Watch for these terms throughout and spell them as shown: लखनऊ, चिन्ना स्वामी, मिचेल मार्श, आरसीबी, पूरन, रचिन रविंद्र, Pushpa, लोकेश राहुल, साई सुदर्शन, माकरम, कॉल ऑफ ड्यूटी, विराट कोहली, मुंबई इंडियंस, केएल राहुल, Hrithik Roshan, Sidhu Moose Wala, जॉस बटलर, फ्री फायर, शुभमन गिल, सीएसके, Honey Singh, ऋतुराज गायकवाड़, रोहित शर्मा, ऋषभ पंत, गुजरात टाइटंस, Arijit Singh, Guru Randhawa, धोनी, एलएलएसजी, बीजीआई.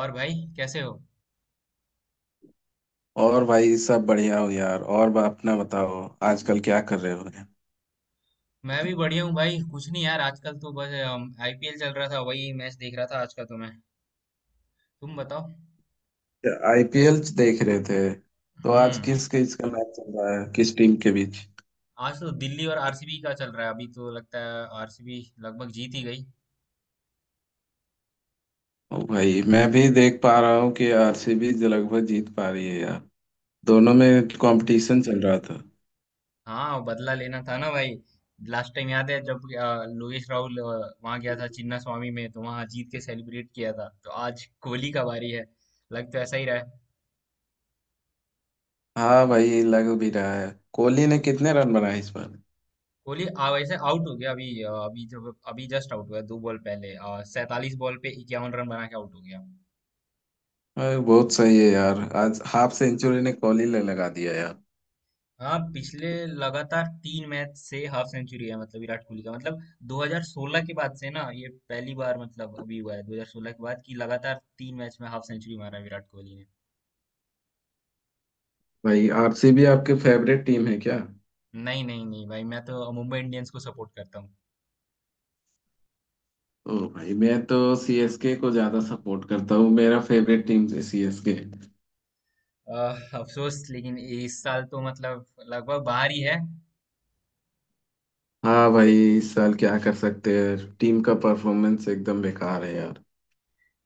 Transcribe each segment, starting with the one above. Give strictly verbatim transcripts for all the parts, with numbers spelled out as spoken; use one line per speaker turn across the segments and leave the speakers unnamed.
और भाई कैसे हो?
और भाई सब बढ़िया हो यार। और बा- अपना बताओ। आजकल क्या कर रहे हो?
मैं भी बढ़िया हूँ भाई। कुछ नहीं यार, आजकल तो बस आईपीएल चल रहा था, वही मैच देख रहा था आज का। तो मैं, तुम बताओ।
आईपीएल देख रहे थे? तो आज
हम्म।
किस किस का मैच चल रहा है, किस टीम के बीच?
आज तो दिल्ली और आरसीबी का चल रहा है। अभी तो लगता है आरसीबी लगभग जीत ही गई।
ओ भाई, मैं भी देख पा रहा हूँ कि आरसीबी लगभग जीत पा रही है यार। दोनों में कंपटीशन चल रहा था।
हाँ, बदला लेना था ना भाई। लास्ट टाइम याद है जब अ, लोकेश राहुल अ, वहां गया था चिन्ना स्वामी में, तो वहां जीत के सेलिब्रेट किया था। तो आज कोहली का बारी है, लग तो ऐसा ही रहा है।
हाँ भाई, लग भी रहा है। कोहली ने कितने रन बनाए इस बार?
कोहली आ वैसे आउट हो गया अभी, अ, अभी जब अभी जस्ट आउट हुआ दो बॉल पहले। सैतालीस बॉल पे इक्यावन रन बना के आउट हो गया।
अरे, बहुत सही है यार, आज हाफ सेंचुरी ने कोहली ने लगा दिया यार।
हाँ, पिछले लगातार तीन मैच से हाफ सेंचुरी है मतलब विराट कोहली का। मतलब दो हज़ार सोलह के बाद से ना ये पहली बार। मतलब अभी हुआ है दो हज़ार सोलह के बाद कि लगातार तीन मैच में हाफ सेंचुरी मारा है विराट कोहली ने।
भाई, आरसीबी आपके फेवरेट टीम है क्या?
नहीं, नहीं, नहीं भाई, मैं तो मुंबई इंडियंस को सपोर्ट करता हूँ।
ओ भाई, मैं तो सीएसके को ज्यादा सपोर्ट करता हूँ, मेरा फेवरेट टीम है सीएसके।
अ, अफसोस, लेकिन इस साल तो मतलब लगभग बाहर ही है।
हाँ भाई, इस साल क्या कर सकते हैं, टीम का परफॉर्मेंस एकदम बेकार है यार।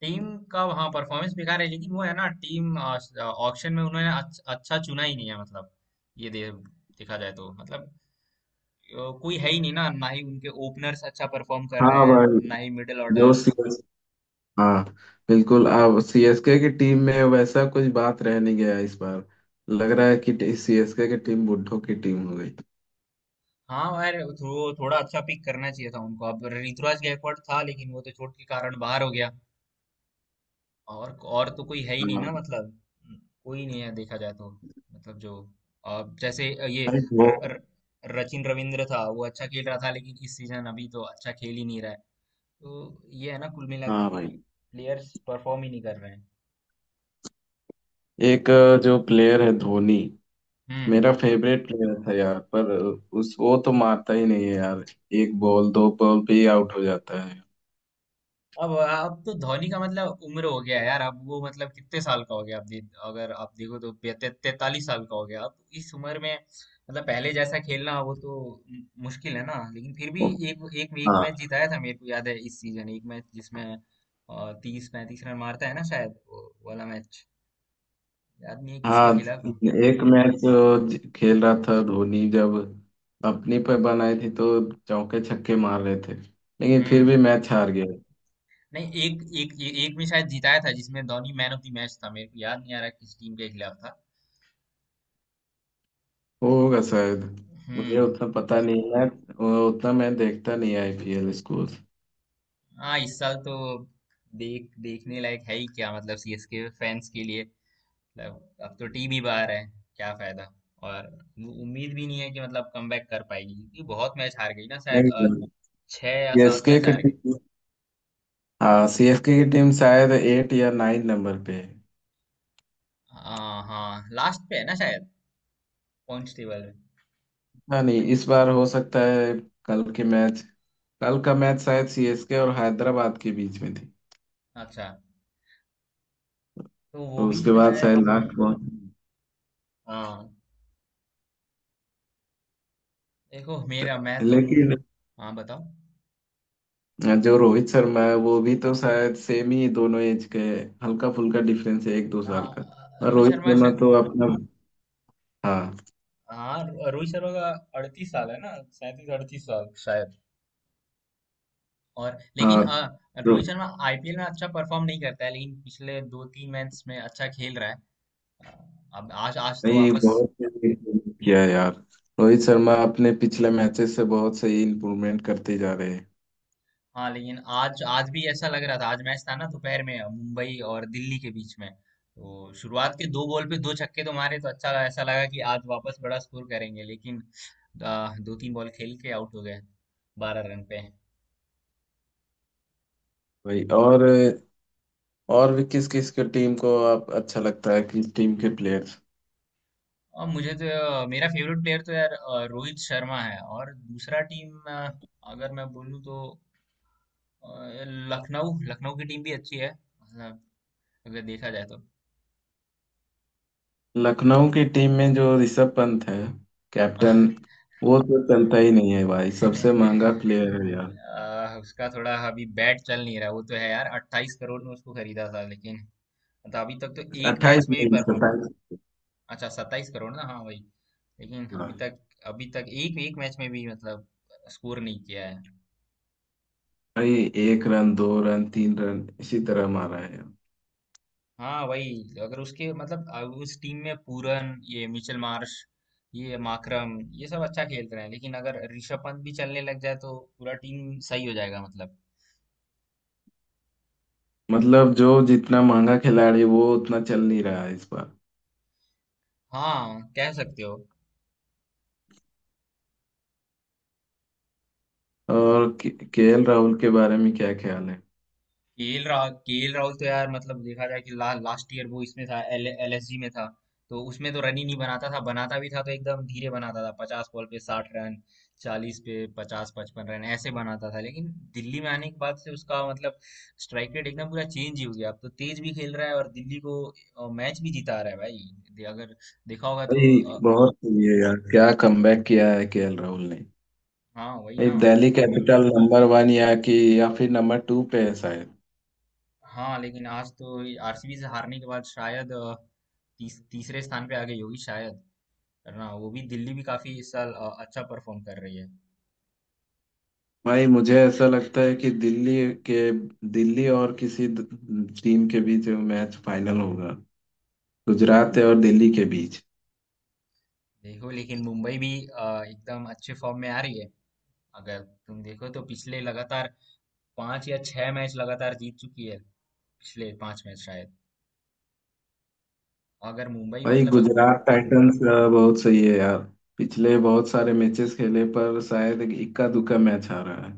टीम का, हाँ, परफॉर्मेंस बेकार है। लेकिन वो है ना, टीम ऑक्शन में उन्होंने अच्छ- अच्छा चुना ही नहीं है मतलब। ये दे, देखा जाए तो मतलब अ, कोई है ही नहीं ना, ना ही उनके ओपनर्स अच्छा परफॉर्म कर रहे
हाँ
हैं,
भाई।
ना ही मिडिल
जो
ऑर्डर।
सीएस हाँ, बिल्कुल अब सीएसके की टीम में वैसा कुछ बात रह नहीं गया इस बार। लग रहा है कि सीएसके की टीम बुड्ढों की टीम हो गई।
हाँ यार, थो, थोड़ा अच्छा पिक करना चाहिए था उनको। अब ऋतुराज गायकवाड़ था लेकिन वो तो चोट के कारण बाहर हो गया। और और तो कोई है ही नहीं
हाँ
ना मतलब। कोई नहीं है देखा जाए तो। मतलब जो, अब जैसे ये
भाई। वो।
र, र, रचिन रविंद्र था, वो अच्छा खेल रहा था लेकिन इस सीजन अभी तो अच्छा खेल ही नहीं रहा है। तो ये है ना, कुल मिला के
हाँ भाई।
कि प्लेयर्स परफॉर्म ही नहीं कर रहे हैं।
एक अ, जो प्लेयर है, धोनी,
हम्म।
मेरा फेवरेट प्लेयर था यार, पर उस वो तो मारता ही नहीं है यार। एक बॉल दो बॉल पे ही आउट हो जाता है।
अब अब तो धोनी का मतलब उम्र हो गया है यार। अब वो मतलब कितने साल का हो गया? आप दे, अगर आप देखो तो पे- ते- तैतालीस साल का हो गया अब। इस उम्र में मतलब पहले जैसा खेलना वो तो मु- मुश्किल है ना। लेकिन फिर भी
ओ,
एक एक एक
हाँ।
मैच जिताया था मेरे को याद है इस सीजन, एक मैच जिसमें तीस पैंतीस रन मारता है ना शायद, वो वाला मैच याद नहीं है किसके
हाँ,
खिलाफ था।
एक मैच खेल रहा था धोनी, जब अपनी पे बनाई थी, तो चौके छक्के मार रहे थे, लेकिन फिर
हम्म।
भी मैच हार गए।
नहीं, एक एक ए- एक में शायद जिताया था जिसमें धोनी man of the match था। मेरे को याद नहीं आ रहा किस टीम के खिलाफ था।
वो
अ,
होगा शायद। मुझे
हम्म।
उतना पता नहीं है, मैं उतना मैं देखता नहीं आईपीएल स्कोर।
हाँ, इस साल तो देख देखने लायक है ही क्या मतलब सीएसके फैंस के लिए। मतलब अब तो टीम ही बाहर है, क्या फायदा। और वो उम्मीद भी नहीं है कि मतलब कमबैक कर पाएगी, क्योंकि बहुत मैच हार गई ना शायद,
नहीं।
अ, छह या सात
सीएसके
मैच
की
हार गई।
टीम। हाँ, सीएसके की टीम शायद एट या नाइन नंबर पे है।
हाँ हाँ, लास्ट पे है ना शायद, पॉइंट्स टेबल में।
ना नहीं, इस बार हो सकता है। कल के मैच। कल का मैच शायद सीएसके और हैदराबाद के बीच में थी।
अच्छा, तो वो
तो
भी
उसके बाद
शायद।
शायद लास्ट पहुंच।
हाँ। देखो, मेरा मैं तो मुम
लेकिन
हाँ बताओ।
जो रोहित शर्मा है, वो भी तो शायद सेम ही, दोनों एज के हैं। हल्का फुल्का डिफरेंस है एक दो
हाँ,
साल का। और
रोहित
रोहित
शर्मा
शर्मा
शायद,
तो अपना। हाँ।
हाँ रो- रोहित शर्मा का अड़तीस साल है ना, सैंतीस अड़तीस साल शायद। और लेकिन
हाँ।
अ,
तो।
रोहित शर्मा आईपीएल में अच्छा परफॉर्म नहीं करता है, लेकिन पिछले दो तीन मैच में अच्छा खेल रहा है। अ, अब आज आज तो
नहीं,
वापस।
बहुत improve किया है यार। रोहित शर्मा अपने पिछले मैचेस से बहुत सही इम्प्रूवमेंट करते जा रहे हैं।
हाँ, लेकिन आज आज भी ऐसा लग रहा था, आज मैच था ना दोपहर में मुंबई और दिल्ली के बीच में। तो शुरुआत के दो बॉल पे दो छक्के तो मारे, तो अच्छा ऐसा लगा कि आज वापस बड़ा स्कोर करेंगे, लेकिन अ, दो तीन बॉल खेल के आउट हो गए बारह रन पे।
भाई, और और भी किस किस के टीम को आप अच्छा लगता है, किस टीम के प्लेयर्स?
और मुझे तो अ, मेरा फेवरेट प्लेयर तो यार अ, रोहित शर्मा है। और दूसरा टीम, आ, अगर मैं बोलूँ तो अ, लखनऊ लखनऊ की टीम भी अच्छी है मतलब, अगर देखा जाए तो।
लखनऊ की टीम में जो ऋषभ पंत है, कैप्टन, वो तो चलता ही नहीं है भाई, सबसे महंगा
अ,
प्लेयर है यार।
उसका थोड़ा अभी बैट चल नहीं रहा, वो तो है यार। अट्ठाईस करोड़ में उसको खरीदा था लेकिन मतलब अभी तक तो एक
अट्ठाईस
मैच में भी
नहीं,
परफॉर्म नहीं
सत्ताईस।
है। अच्छा, सत्ताईस करोड़ ना, हाँ भाई। लेकिन अभी तक, अभी तक एक एक मैच में भी मतलब स्कोर नहीं किया है।
भाई, एक रन दो रन तीन रन इसी तरह मारा है।
हाँ वही, अगर उसके मतलब अ, उस टीम में पूरन, ये मिचेल मार्श, ये माकरम, ये सब अच्छा खेल रहे हैं। लेकिन अगर ऋषभ पंत भी चलने लग जाए तो पूरा टीम सही हो जाएगा मतलब।
मतलब जो जितना महंगा खिलाड़ी वो उतना चल नहीं रहा है इस बार।
हाँ, कह सकते हो।
और केएल राहुल के बारे में क्या ख्याल है?
केएल राहुल केएल राहुल तो यार, मतलब देखा जाए कि ला, लास्ट ईयर वो इसमें था, एल एलएसजी में था। तो उसमें तो रन ही नहीं बनाता था, बनाता भी था तो एकदम धीरे बनाता था। पचास बॉल पे साठ रन, चालीस पे पचास पचपन रन ऐसे बनाता था। लेकिन दिल्ली में आने के बाद से उसका मतलब स्ट्राइक रेट एकदम पूरा चेंज ही हो गया। अब तो तेज भी खेल रहा है, और दिल्ली को अ, मैच भी जिता रहा है भाई। दे- अगर देखा होगा तो
भाई,
अ,
बहुत सही है यार, क्या कमबैक किया है केएल राहुल ने।
हाँ वही
भाई,
ना।
दिल्ली कैपिटल नंबर वन, या कि या फिर नंबर टू पे है शायद।
हाँ, लेकिन आज तो आरसीबी से हारने के बाद शायद अ, तीस, तीसरे स्थान पे आ गई होगी शायद। है ना, वो भी, दिल्ली भी काफी इस साल अ, अच्छा परफॉर्म कर रही है।
भाई, मुझे ऐसा लगता है कि दिल्ली के, दिल्ली और किसी द- टीम के बीच मैच फाइनल होगा। गुजरात है और दिल्ली के बीच।
देखो, लेकिन मुंबई भी अ, एकदम अच्छे फॉर्म में आ रही है। अगर तुम देखो तो पिछले लगातार पांच या छह मैच लगातार जीत चुकी है। पिछले पांच मैच शायद, अगर मुंबई
भाई,
मतलब।
गुजरात टाइटंस अ, बहुत सही है यार, पिछले बहुत सारे मैचेस खेले पर शायद इक्का दुक्का मैच हारा रहा है।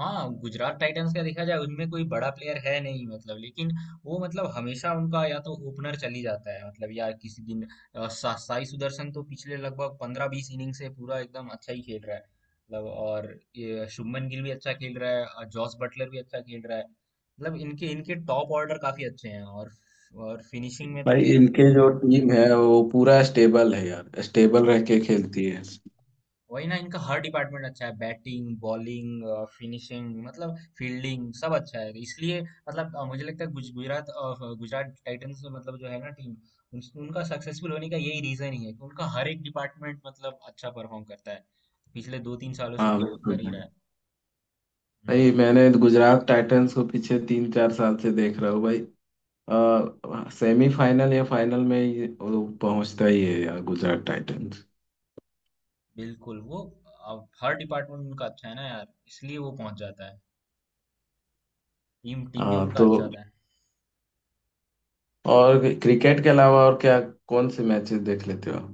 हाँ, गुजरात टाइटंस का देखा जाए, उनमें कोई बड़ा प्लेयर है नहीं मतलब। लेकिन वो मतलब, हमेशा उनका या तो ओपनर चली जाता है मतलब, या किसी दिन अ, सा, साई सुदर्शन तो पिछले लगभग पंद्रह बीस इनिंग से पूरा एकदम अच्छा ही खेल रहा है। मतलब और ये शुभमन गिल भी अच्छा खेल रहा है, और जॉस बटलर भी अच्छा खेल रहा है। मतलब, इनके इनके टॉप ऑर्डर काफी अच्छे हैं। और और फिनिशिंग में तो
भाई, इनके जो टीम है वो पूरा स्टेबल है यार, स्टेबल रह के खेलती है।
वही ना, इनका हर डिपार्टमेंट अच्छा है, बैटिंग, बॉलिंग, फिनिशिंग, मतलब फील्डिंग, सब अच्छा है। इसलिए मतलब अ, मुझे लगता है गुज- गुजरात अ, गुजरात टाइटंस, मतलब जो है ना टीम, उन, उनका सक्सेसफुल होने का यही रीजन ही है कि उनका हर एक डिपार्टमेंट मतलब अच्छा परफॉर्म करता है। पिछले दो तीन सालों से
हाँ
तो कर ही रहा
बिल्कुल
है।
भाई।
हम्म।
मैंने गुजरात टाइटंस को पीछे तीन चार साल से देख रहा हूँ भाई। आ, सेमीफाइनल या फाइनल में ये वो पहुंचता ही है यार गुजरात टाइटंस।
बिल्कुल वो, अब हर डिपार्टमेंट उनका अच्छा है ना यार, इसलिए वो पहुंच जाता है। टीम टीम भी
आ,
उनका
तो
अच्छा होता है।
और क्रिकेट के अलावा और क्या, कौन से मैचेस देख लेते हो?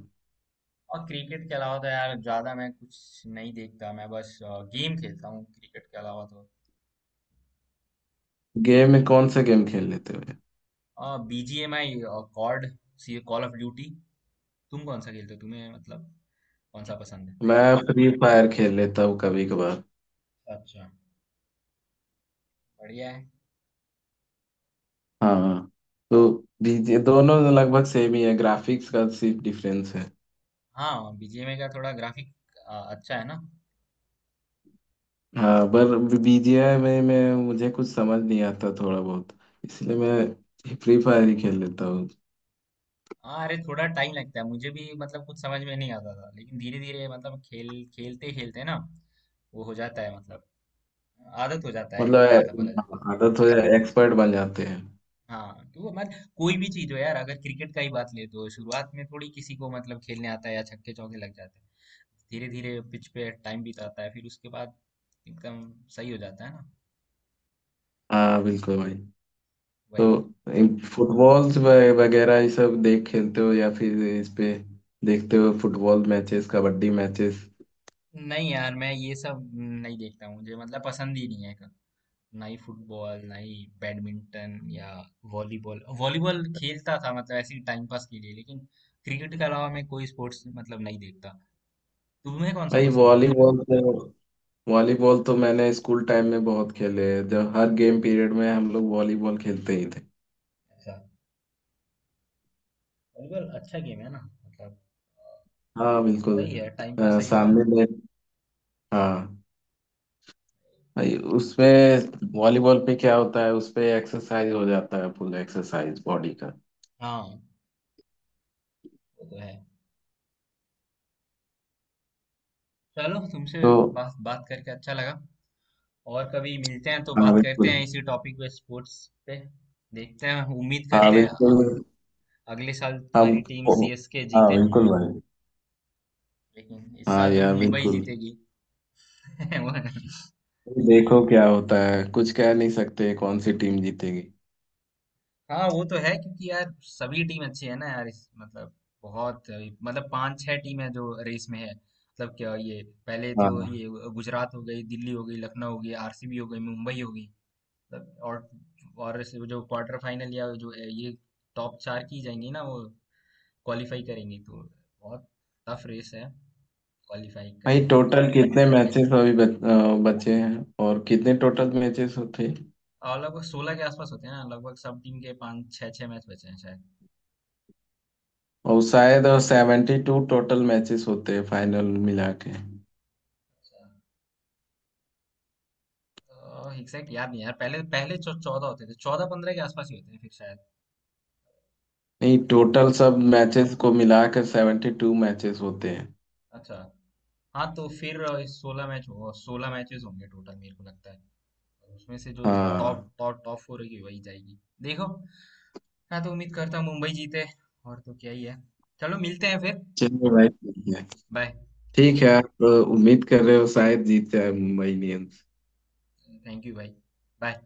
और क्रिकेट के अलावा तो यार ज्यादा मैं कुछ नहीं देखता। मैं बस गेम खेलता हूँ क्रिकेट के अलावा, तो
गेम में कौन से गेम खेल लेते हो?
बीजीएमआई, कॉर्ड सी कॉल ऑफ ड्यूटी। तुम कौन सा खेलते हो? तुम्हें मतलब कौन सा पसंद है?
मैं फ्री फायर खेल लेता हूँ कभी कभार।
अच्छा, बढ़िया है।
हाँ, हाँ। तो बीजे- दोनों लगभग सेम ही है, ग्राफिक्स का सिर्फ डिफरेंस है।
हाँ, बीजीएमआई का थोड़ा ग्राफिक अच्छा है ना।
हाँ पर बीजीआई में मैं, मुझे कुछ समझ नहीं आता थोड़ा बहुत, इसलिए मैं फ्री फायर ही खेल लेता हूँ।
हाँ अरे, थोड़ा टाइम लगता है। मुझे भी मतलब कुछ समझ में नहीं आता था, लेकिन धीरे धीरे मतलब खेल खेलते खेलते ना, वो हो जाता है मतलब। आदत हो जाता है
मतलब
मतलब, बोला जाए।
ए- आदत हो जाए एक्सपर्ट बन जाते हैं।
हाँ तो मतलब कोई भी चीज हो यार, अगर क्रिकेट का ही बात ले तो शुरुआत में थोड़ी किसी को मतलब खेलने आता है या छक्के चौके लग जाते हैं? धीरे धीरे पिच पे टाइम बिताता है, फिर उसके बाद एकदम सही हो जाता है ना।
हाँ बिल्कुल भाई। तो
वही।
फुटबॉल वगैरह ये सब देख खेलते हो या फिर इस पे देखते हो, फुटबॉल मैचेस, कबड्डी मैचेस?
नहीं यार, मैं ये सब नहीं देखता हूँ। मुझे मतलब पसंद ही नहीं है, ना ही फुटबॉल, ना ही बैडमिंटन या वॉलीबॉल। वॉलीबॉल खेलता था मतलब, ऐसे ही टाइम पास के लिए। लेकिन क्रिकेट के अलावा मैं कोई स्पोर्ट्स मतलब नहीं देखता। तुम्हें कौन सा
भाई,
पसंद है?
वॉलीबॉल तो, वॉलीबॉल तो मैंने स्कूल टाइम में बहुत खेले हैं, जब हर गेम पीरियड में हम लोग वॉलीबॉल खेलते ही थे।
अच्छा, वॉलीबॉल अच्छा गेम है ना मतलब अ,
हाँ बिल्कुल।
सही है। टाइम पास
अ,
सही हो जाता
सामने
है।
में। हाँ भाई, उसपे, वॉलीबॉल पे क्या होता है, उसपे एक्सरसाइज हो जाता है, फुल एक्सरसाइज बॉडी का।
हाँ वो तो है। चलो, तुमसे
तो
बात बात करके अच्छा लगा। और कभी मिलते हैं तो
हाँ
बात करते
बिल्कुल।
हैं इसी टॉपिक पे, स्पोर्ट्स पे। देखते हैं, उम्मीद
हाँ
करते हैं अ-
बिल्कुल।
अगले साल तुम्हारी
हम।
टीम सीएसके
हाँ
जीते।
बिल्कुल भाई।
लेकिन इस
हाँ
साल तो
यार,
मुंबई
बिल्कुल।
जीतेगी।
देखो क्या होता है, कुछ कह नहीं सकते कौन सी टीम जीतेगी।
हाँ वो तो है, क्योंकि यार सभी टीम अच्छी है ना यार, इस मतलब बहुत मतलब पांच छह टीम है जो रेस में है मतलब क्या। ये पहले तो
हाँ
ये गुजरात हो गई, दिल्ली हो गई, लखनऊ हो गई, आरसीबी हो गई, मुंबई हो गई मतलब। और और इस- जो क्वार्टर फाइनल या जो ये टॉप चार की जाएंगी ना, वो क्वालिफाई करेंगी, तो बहुत टफ रेस है क्वालिफाई
भाई,
करने का।
टोटल कितने मैचेस अभी बच, अ, बचे हैं, और कितने टोटल मैचेस होते हैं?
और लगभग सोलह के आसपास होते हैं ना, लगभग सब टीम के पाँच छः छः मैच बचे हैं शायद।
और शायद सेवेंटी टू टोटल मैचेस होते हैं फाइनल मिला के।
एग्जैक्ट याद नहीं यार, पहले पहले चौदह होते थे, चौदह पंद्रह के आसपास ही होते हैं फिर शायद।
नहीं,
देखो।
टोटल सब मैचेस को मिलाकर सेवेंटी टू मैचेस होते हैं।
अच्छा। हाँ तो फिर सोलह मैच होगा, सोलह मैचेस होंगे टोटल मेरे को लगता है। और उसमें से जो
हाँ,
टॉप
हाँ।
टॉप टॉप फोर होगी वही जाएगी। देखो। हाँ, तो उम्मीद करता हूँ मुंबई जीते। और तो क्या ही है। चलो, मिलते हैं फिर।
चलिए भाई ठीक है।
बाय।
ठीक है, तो उम्मीद कर रहे हो शायद जीत जाए मुंबई इंडियंस।
थैंक यू भाई। बाय।